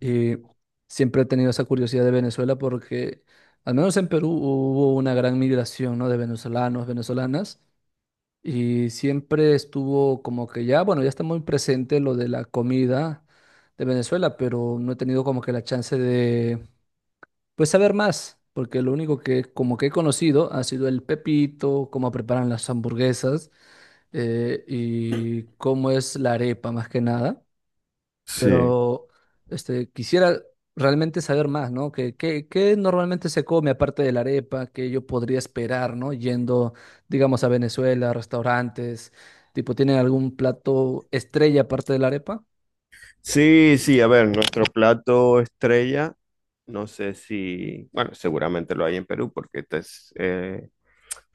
Y siempre he tenido esa curiosidad de Venezuela porque, al menos en Perú, hubo una gran migración, ¿no? De venezolanos, venezolanas, y siempre estuvo como que ya, bueno, ya está muy presente lo de la comida de Venezuela, pero no he tenido como que la chance de, pues, saber más, porque lo único que como que he conocido ha sido el pepito, cómo preparan las hamburguesas y cómo es la arepa más que nada. Sí, Pero quisiera realmente saber más, ¿no? ¿Qué normalmente se come aparte de la arepa? ¿Qué yo podría esperar, ¿no? Yendo, digamos, a Venezuela, restaurantes, tipo, ¿tienen algún plato estrella aparte de la arepa? sí, a ver, nuestro plato estrella, no sé si, bueno, seguramente lo hay en Perú porque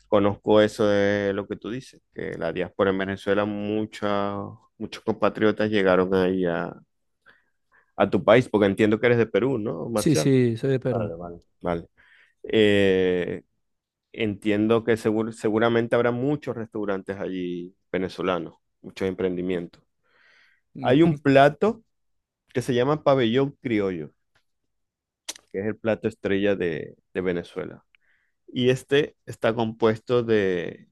conozco eso de lo que tú dices, que la diáspora en Venezuela, muchos compatriotas llegaron ahí a tu país, porque entiendo que eres de Perú, ¿no, Sí, Marcial? sí, soy de Vale, Perú. vale. Vale. Eh, entiendo que seguramente habrá muchos restaurantes allí venezolanos, muchos emprendimientos. Hay un Ujú. plato que se llama pabellón criollo, que es el plato estrella de Venezuela. Y este está compuesto de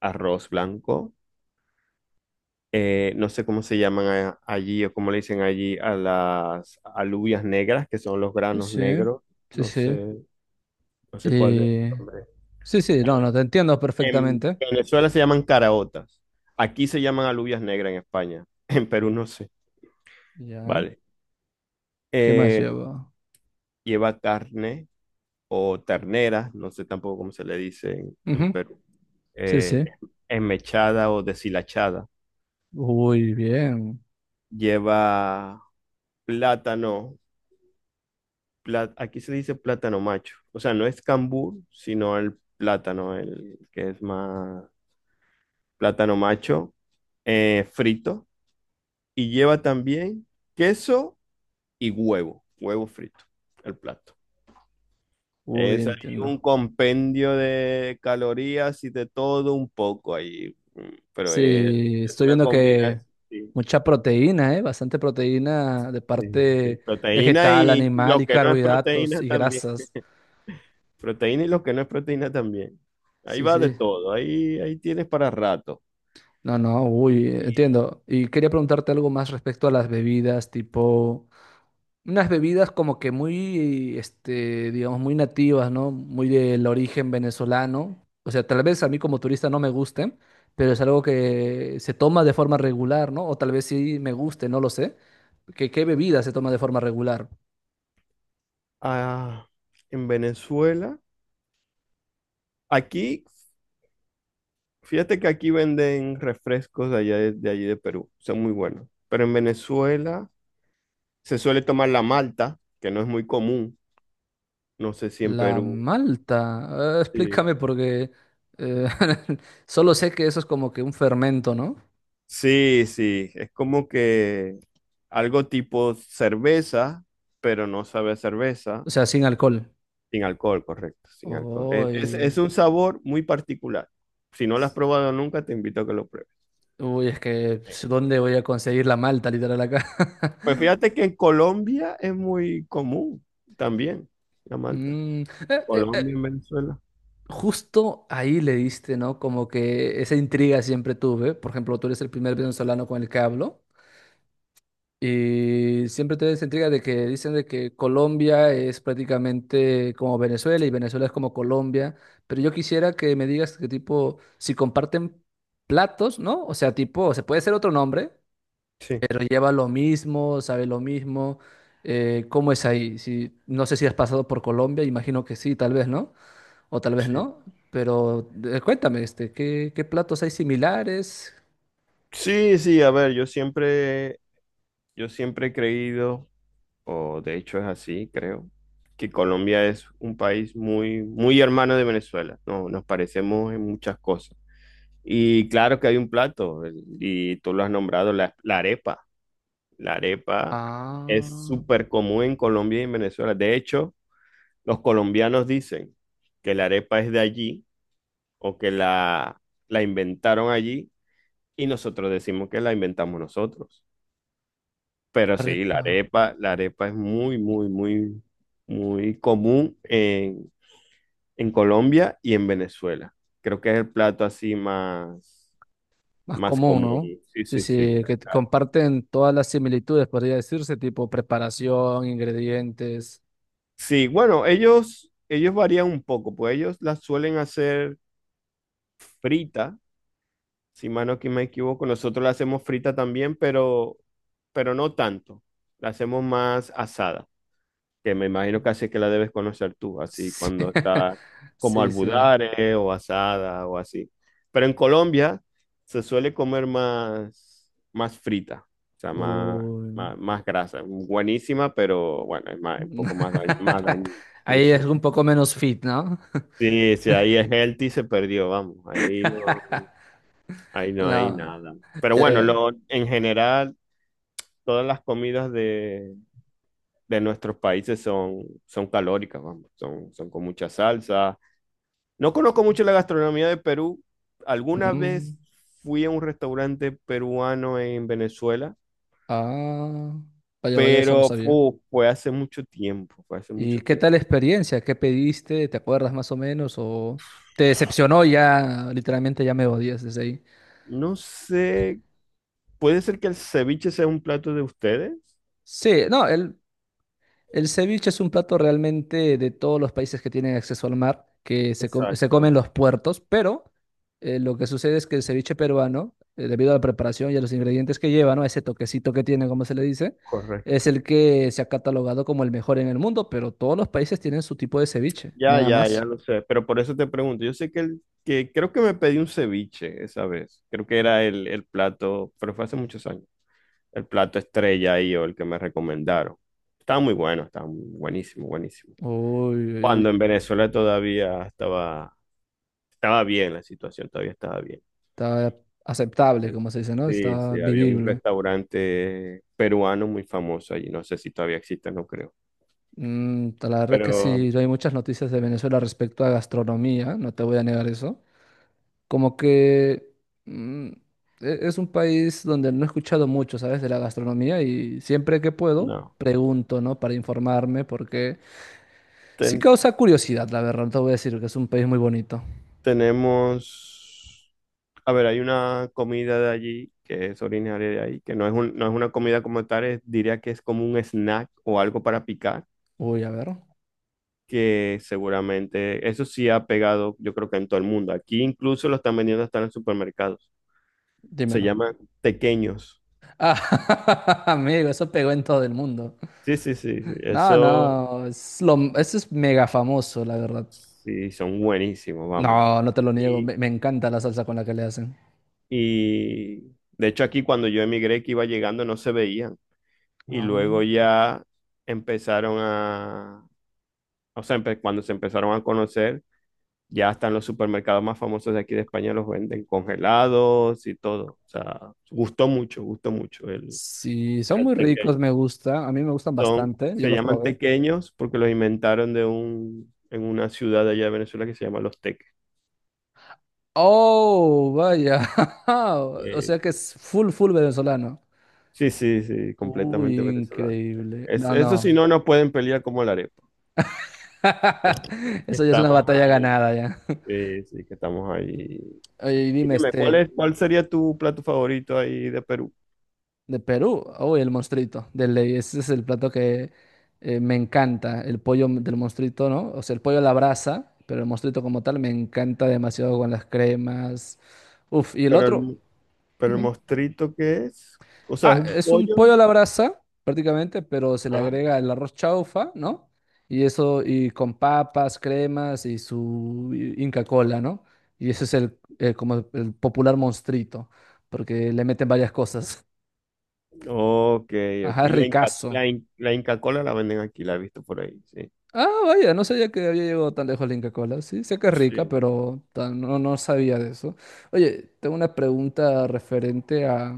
arroz blanco, no sé cómo se llaman allí o cómo le dicen allí a las alubias negras, que son los Sí, granos sí, negros, sí, no sí. sé, no sé cuál es el Eh, nombre. sí, sí, no, no, te entiendo En perfectamente. Venezuela se llaman caraotas, aquí se llaman alubias negras en España, en Perú no sé, Ya, vale. ¿qué más Eh, lleva? lleva carne o ternera, no sé tampoco cómo se le dice en Ujú. Perú. Sí, eh, sí. enmechada o deshilachada. Uy, bien. Lleva plátano, aquí se dice plátano macho, o sea, no es cambur, sino el plátano, el que es más plátano macho, frito. Y lleva también queso y huevo, huevo frito, el plato. Uy, Es ahí un entiendo. compendio de calorías y de todo un poco ahí, pero Sí, es estoy una viendo combinación. que Sí. mucha proteína, ¿eh? Bastante proteína de Sí, sí, parte proteína vegetal, y animal lo y que no es carbohidratos proteína y también. grasas. Proteína y lo que no es proteína también. Ahí Sí, va de sí. todo, ahí, ahí tienes para rato. No, no, uy, entiendo. Y quería preguntarte algo más respecto a las bebidas, tipo unas bebidas como que muy, este, digamos, muy nativas, ¿no? Muy del origen venezolano. O sea, tal vez a mí como turista no me gusten, pero es algo que se toma de forma regular, ¿no? O tal vez sí me guste, no lo sé. ¿Qué bebida se toma de forma regular? Ah, en Venezuela, aquí, fíjate que aquí venden refrescos de allá de allí de Perú, son muy buenos. Pero en Venezuela se suele tomar la malta, que no es muy común. No sé si en La Perú. malta. Sí, explícame porque eh, solo sé que eso es como que un fermento, ¿no? sí, es como que algo tipo cerveza, pero no sabe a cerveza. O sea, sin alcohol. Sin alcohol, correcto, sin alcohol. Uy, Es un sabor muy particular. Si no lo has probado nunca, te invito a que lo pruebes. uy, es que Eh, ¿dónde voy a conseguir la malta literal acá? Pues fíjate que en Colombia es muy común también la malta. Mm, eh, eh, eh, Colombia, en Venezuela. justo ahí le diste, ¿no? Como que esa intriga siempre tuve. Por ejemplo, tú eres el primer venezolano con el que hablo. Y siempre tuve esa intriga de que dicen de que Colombia es prácticamente como Venezuela y Venezuela es como Colombia. Pero yo quisiera que me digas que tipo, si comparten platos, ¿no? O sea, tipo, se puede ser otro nombre, Sí, pero lleva lo mismo, sabe lo mismo. ¿Cómo es ahí? Si, no sé si has pasado por Colombia, imagino que sí, tal vez, ¿no? O tal vez sí. no, pero cuéntame, ¿qué platos hay similares? Sí, sí, a ver, yo siempre he creído, o de hecho es así, creo, que Colombia es un país muy, muy hermano de Venezuela. No, nos parecemos en muchas cosas. Y claro que hay un plato, y tú lo has nombrado, la arepa. La arepa es Ah, súper común en Colombia y en Venezuela. De hecho, los colombianos dicen que la arepa es de allí o que la inventaron allí y nosotros decimos que la inventamos nosotros. Pero sí, arepa, la arepa es muy, muy, muy, muy común en Colombia y en Venezuela. Creo que es el plato así más, más más común, común. ¿no? Sí, Sí, sí, sí. sí, que comparten todas las similitudes, podría decirse, tipo preparación, ingredientes. Sí, bueno, ellos varían un poco, pues ellos las suelen hacer frita, si mano aquí me equivoco, nosotros la hacemos frita también, pero no tanto. La hacemos más asada, que me imagino que así que la debes conocer tú, así Sí, cuando está como sí. Sí. albudare o asada o así. Pero en Colombia se suele comer más, más frita, o sea, más, Uy. más, más grasa. Buenísima, pero bueno, es más, un poco más, más dañina. Sí, Ahí sí. es un poco menos fit, ¿no? Sí, sí, ahí es healthy, se perdió, vamos, ahí no. Ahí no hay No, nada. Pero ya, bueno, ya. lo, en general, todas las comidas de nuestros países son, son calóricas, vamos, son, son con mucha salsa. No conozco mucho la gastronomía de Perú. Alguna Mm. vez fui a un restaurante peruano en Venezuela, Ah, vaya, vaya, eso no pero sabía. Fue hace mucho tiempo, fue hace ¿Y mucho qué tiempo. tal la experiencia? ¿Qué pediste? ¿Te acuerdas más o menos? ¿O te decepcionó ya? Literalmente ya me odias desde ahí. No sé, puede ser que el ceviche sea un plato de ustedes. Sí, no, el ceviche es un plato realmente de todos los países que tienen acceso al mar, que se, se Exacto, comen los puertos, pero lo que sucede es que el ceviche peruano, debido a la preparación y a los ingredientes que lleva, ¿no? Ese toquecito que tiene, como se le dice, es correcto. el que se ha catalogado como el mejor en el mundo, pero todos los países tienen su tipo de ceviche, Ya, nada ya, ya más. lo sé, pero por eso te pregunto, yo sé que, el, que creo que me pedí un ceviche esa vez, creo que era el plato, pero fue hace muchos años, el plato estrella ahí o el que me recomendaron. Estaba muy bueno, buenísimo, buenísimo. Uy, uy, Cuando uy. en Venezuela todavía estaba, estaba bien la situación, todavía estaba bien. Está aceptable, Sí, como se dice, ¿no? sí, Está sí, había un vivible. restaurante peruano muy famoso allí, no sé si todavía existe, no creo, Mm, la verdad que pero sí, no hay muchas noticias de Venezuela respecto a gastronomía, no te voy a negar eso. Como que mm, es un país donde no he escuchado mucho, ¿sabes? De la gastronomía y siempre que puedo no. pregunto, ¿no? Para informarme, porque sí ten- causa curiosidad, la verdad, no te voy a decir que es un país muy bonito. Tenemos, a ver, hay una comida de allí que es originaria de ahí, que no es una comida como tal, diría que es como un snack o algo para picar, Uy, a ver, que seguramente eso sí ha pegado, yo creo que en todo el mundo. Aquí incluso lo están vendiendo hasta en los supermercados. Se dímelo. llaman tequeños. Ah, amigo, eso pegó en todo el mundo. Sí, sí, sí, sí. No, Eso no, ese es mega famoso, la verdad. sí, son buenísimos, vamos. No, no te lo niego, Y, me encanta la salsa con la que le hacen. y de hecho aquí cuando yo emigré que iba llegando no se veían, y Ah. luego ya empezaron a, o sea, cuando se empezaron a conocer, ya hasta en los supermercados más famosos de aquí de España los venden congelados y todo. O sea, gustó mucho Sí, son el muy ricos, tequeño. me gusta, a mí me gustan Son, bastante, yo se los llaman probé. tequeños porque los inventaron de un, en una ciudad de allá de Venezuela que se llama Los Teques. Oh, vaya, o sea que Sí. es full, full venezolano. Sí, sí, sí, completamente Uy, venezolano. increíble. Es, No, eso si no. no, no pueden pelear como la arepa. Que Eso ya es una estamos batalla ahí. ganada ya. Sí, sí, que estamos ahí. Oye, y Y dime, dime, ¿cuál es, cuál sería tu plato favorito ahí de Perú? de Perú, uy, el monstruito de ley, ese es el plato que me encanta, el pollo del monstruito, ¿no? O sea, el pollo a la brasa, pero el monstruito como tal me encanta demasiado con las cremas. Uf, y el Pero otro, el, pero el ujú. mostrito, ¿qué es? O sea, ¿es Ah, un es un pollo? pollo a la brasa prácticamente, pero se le Ah, agrega el arroz chaufa, ¿no? Y eso, y con papas, cremas y su Inca Cola, ¿no? Y ese es el, como el popular monstruito, porque le meten varias cosas. ok, ok. Ajá, es La Inca, ricazo. La Inca Kola la venden aquí, la he visto por ahí, sí. Ah, vaya, no sabía que había llegado tan lejos la Inca Kola. Sí, sé que es rica, Sí. pero tan- no, no sabía de eso. Oye, tengo una pregunta referente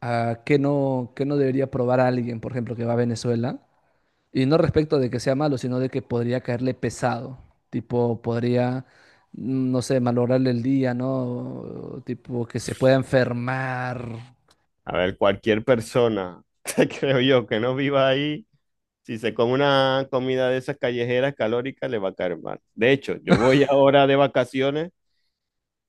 a qué no debería probar alguien, por ejemplo, que va a Venezuela. Y no respecto de que sea malo, sino de que podría caerle pesado. Tipo, podría, mm, no sé, malograrle el día, ¿no? Tipo, que se pueda enfermar. A ver, cualquier persona, creo yo, que no viva ahí, si se come una comida de esas callejeras calóricas, le va a caer mal. De hecho, yo voy ahora de vacaciones.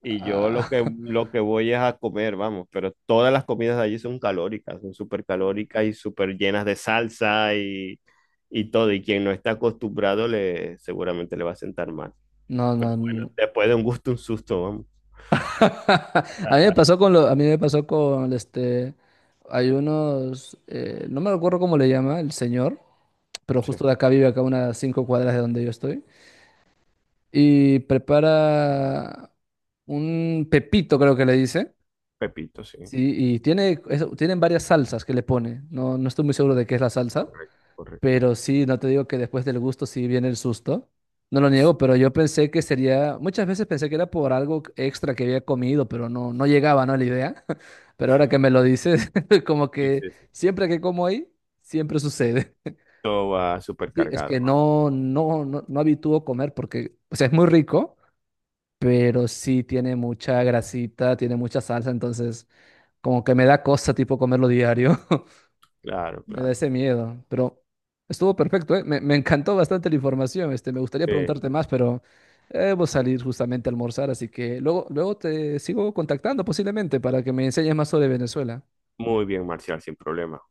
Y yo Ah, lo que voy es a comer, vamos, pero todas las comidas de allí son calóricas, son súper calóricas y súper llenas de salsa y todo. Y quien no está acostumbrado le, seguramente le va a sentar mal. no, no, Pero bueno, no. después de un gusto, un susto, vamos. A mí me pasó con lo, a mí me pasó con hay unos, no me acuerdo cómo le llama el señor, pero Sí, justo de acá vive acá unas cinco cuadras de donde yo estoy y prepara un pepito creo que le dice, pepito, sí. sí, y tiene, tienen varias salsas que le pone, no, no estoy muy seguro de qué es la salsa, Correcto, correcto. pero sí, no te digo que después del gusto sí viene el susto. No lo niego, pero yo pensé que sería, muchas veces pensé que era por algo extra que había comido, pero no, no llegaba, ¿no? La idea. Pero ahora que me lo dices, como Sí, que sí, sí, sí. siempre que como ahí, siempre sucede. Todo va súper Sí, es cargado. que no, no, no, no habitúo comer porque, o sea, es muy rico, pero sí tiene mucha grasita, tiene mucha salsa, entonces como que me da cosa tipo comerlo diario. Claro, Me da claro. ese miedo, pero estuvo perfecto, ¿eh? Me encantó bastante la información. Me gustaría Eh, preguntarte más, pero debo salir justamente a almorzar, así que luego, luego te sigo contactando posiblemente para que me enseñes más sobre Venezuela. muy bien, Marcial, sin problema.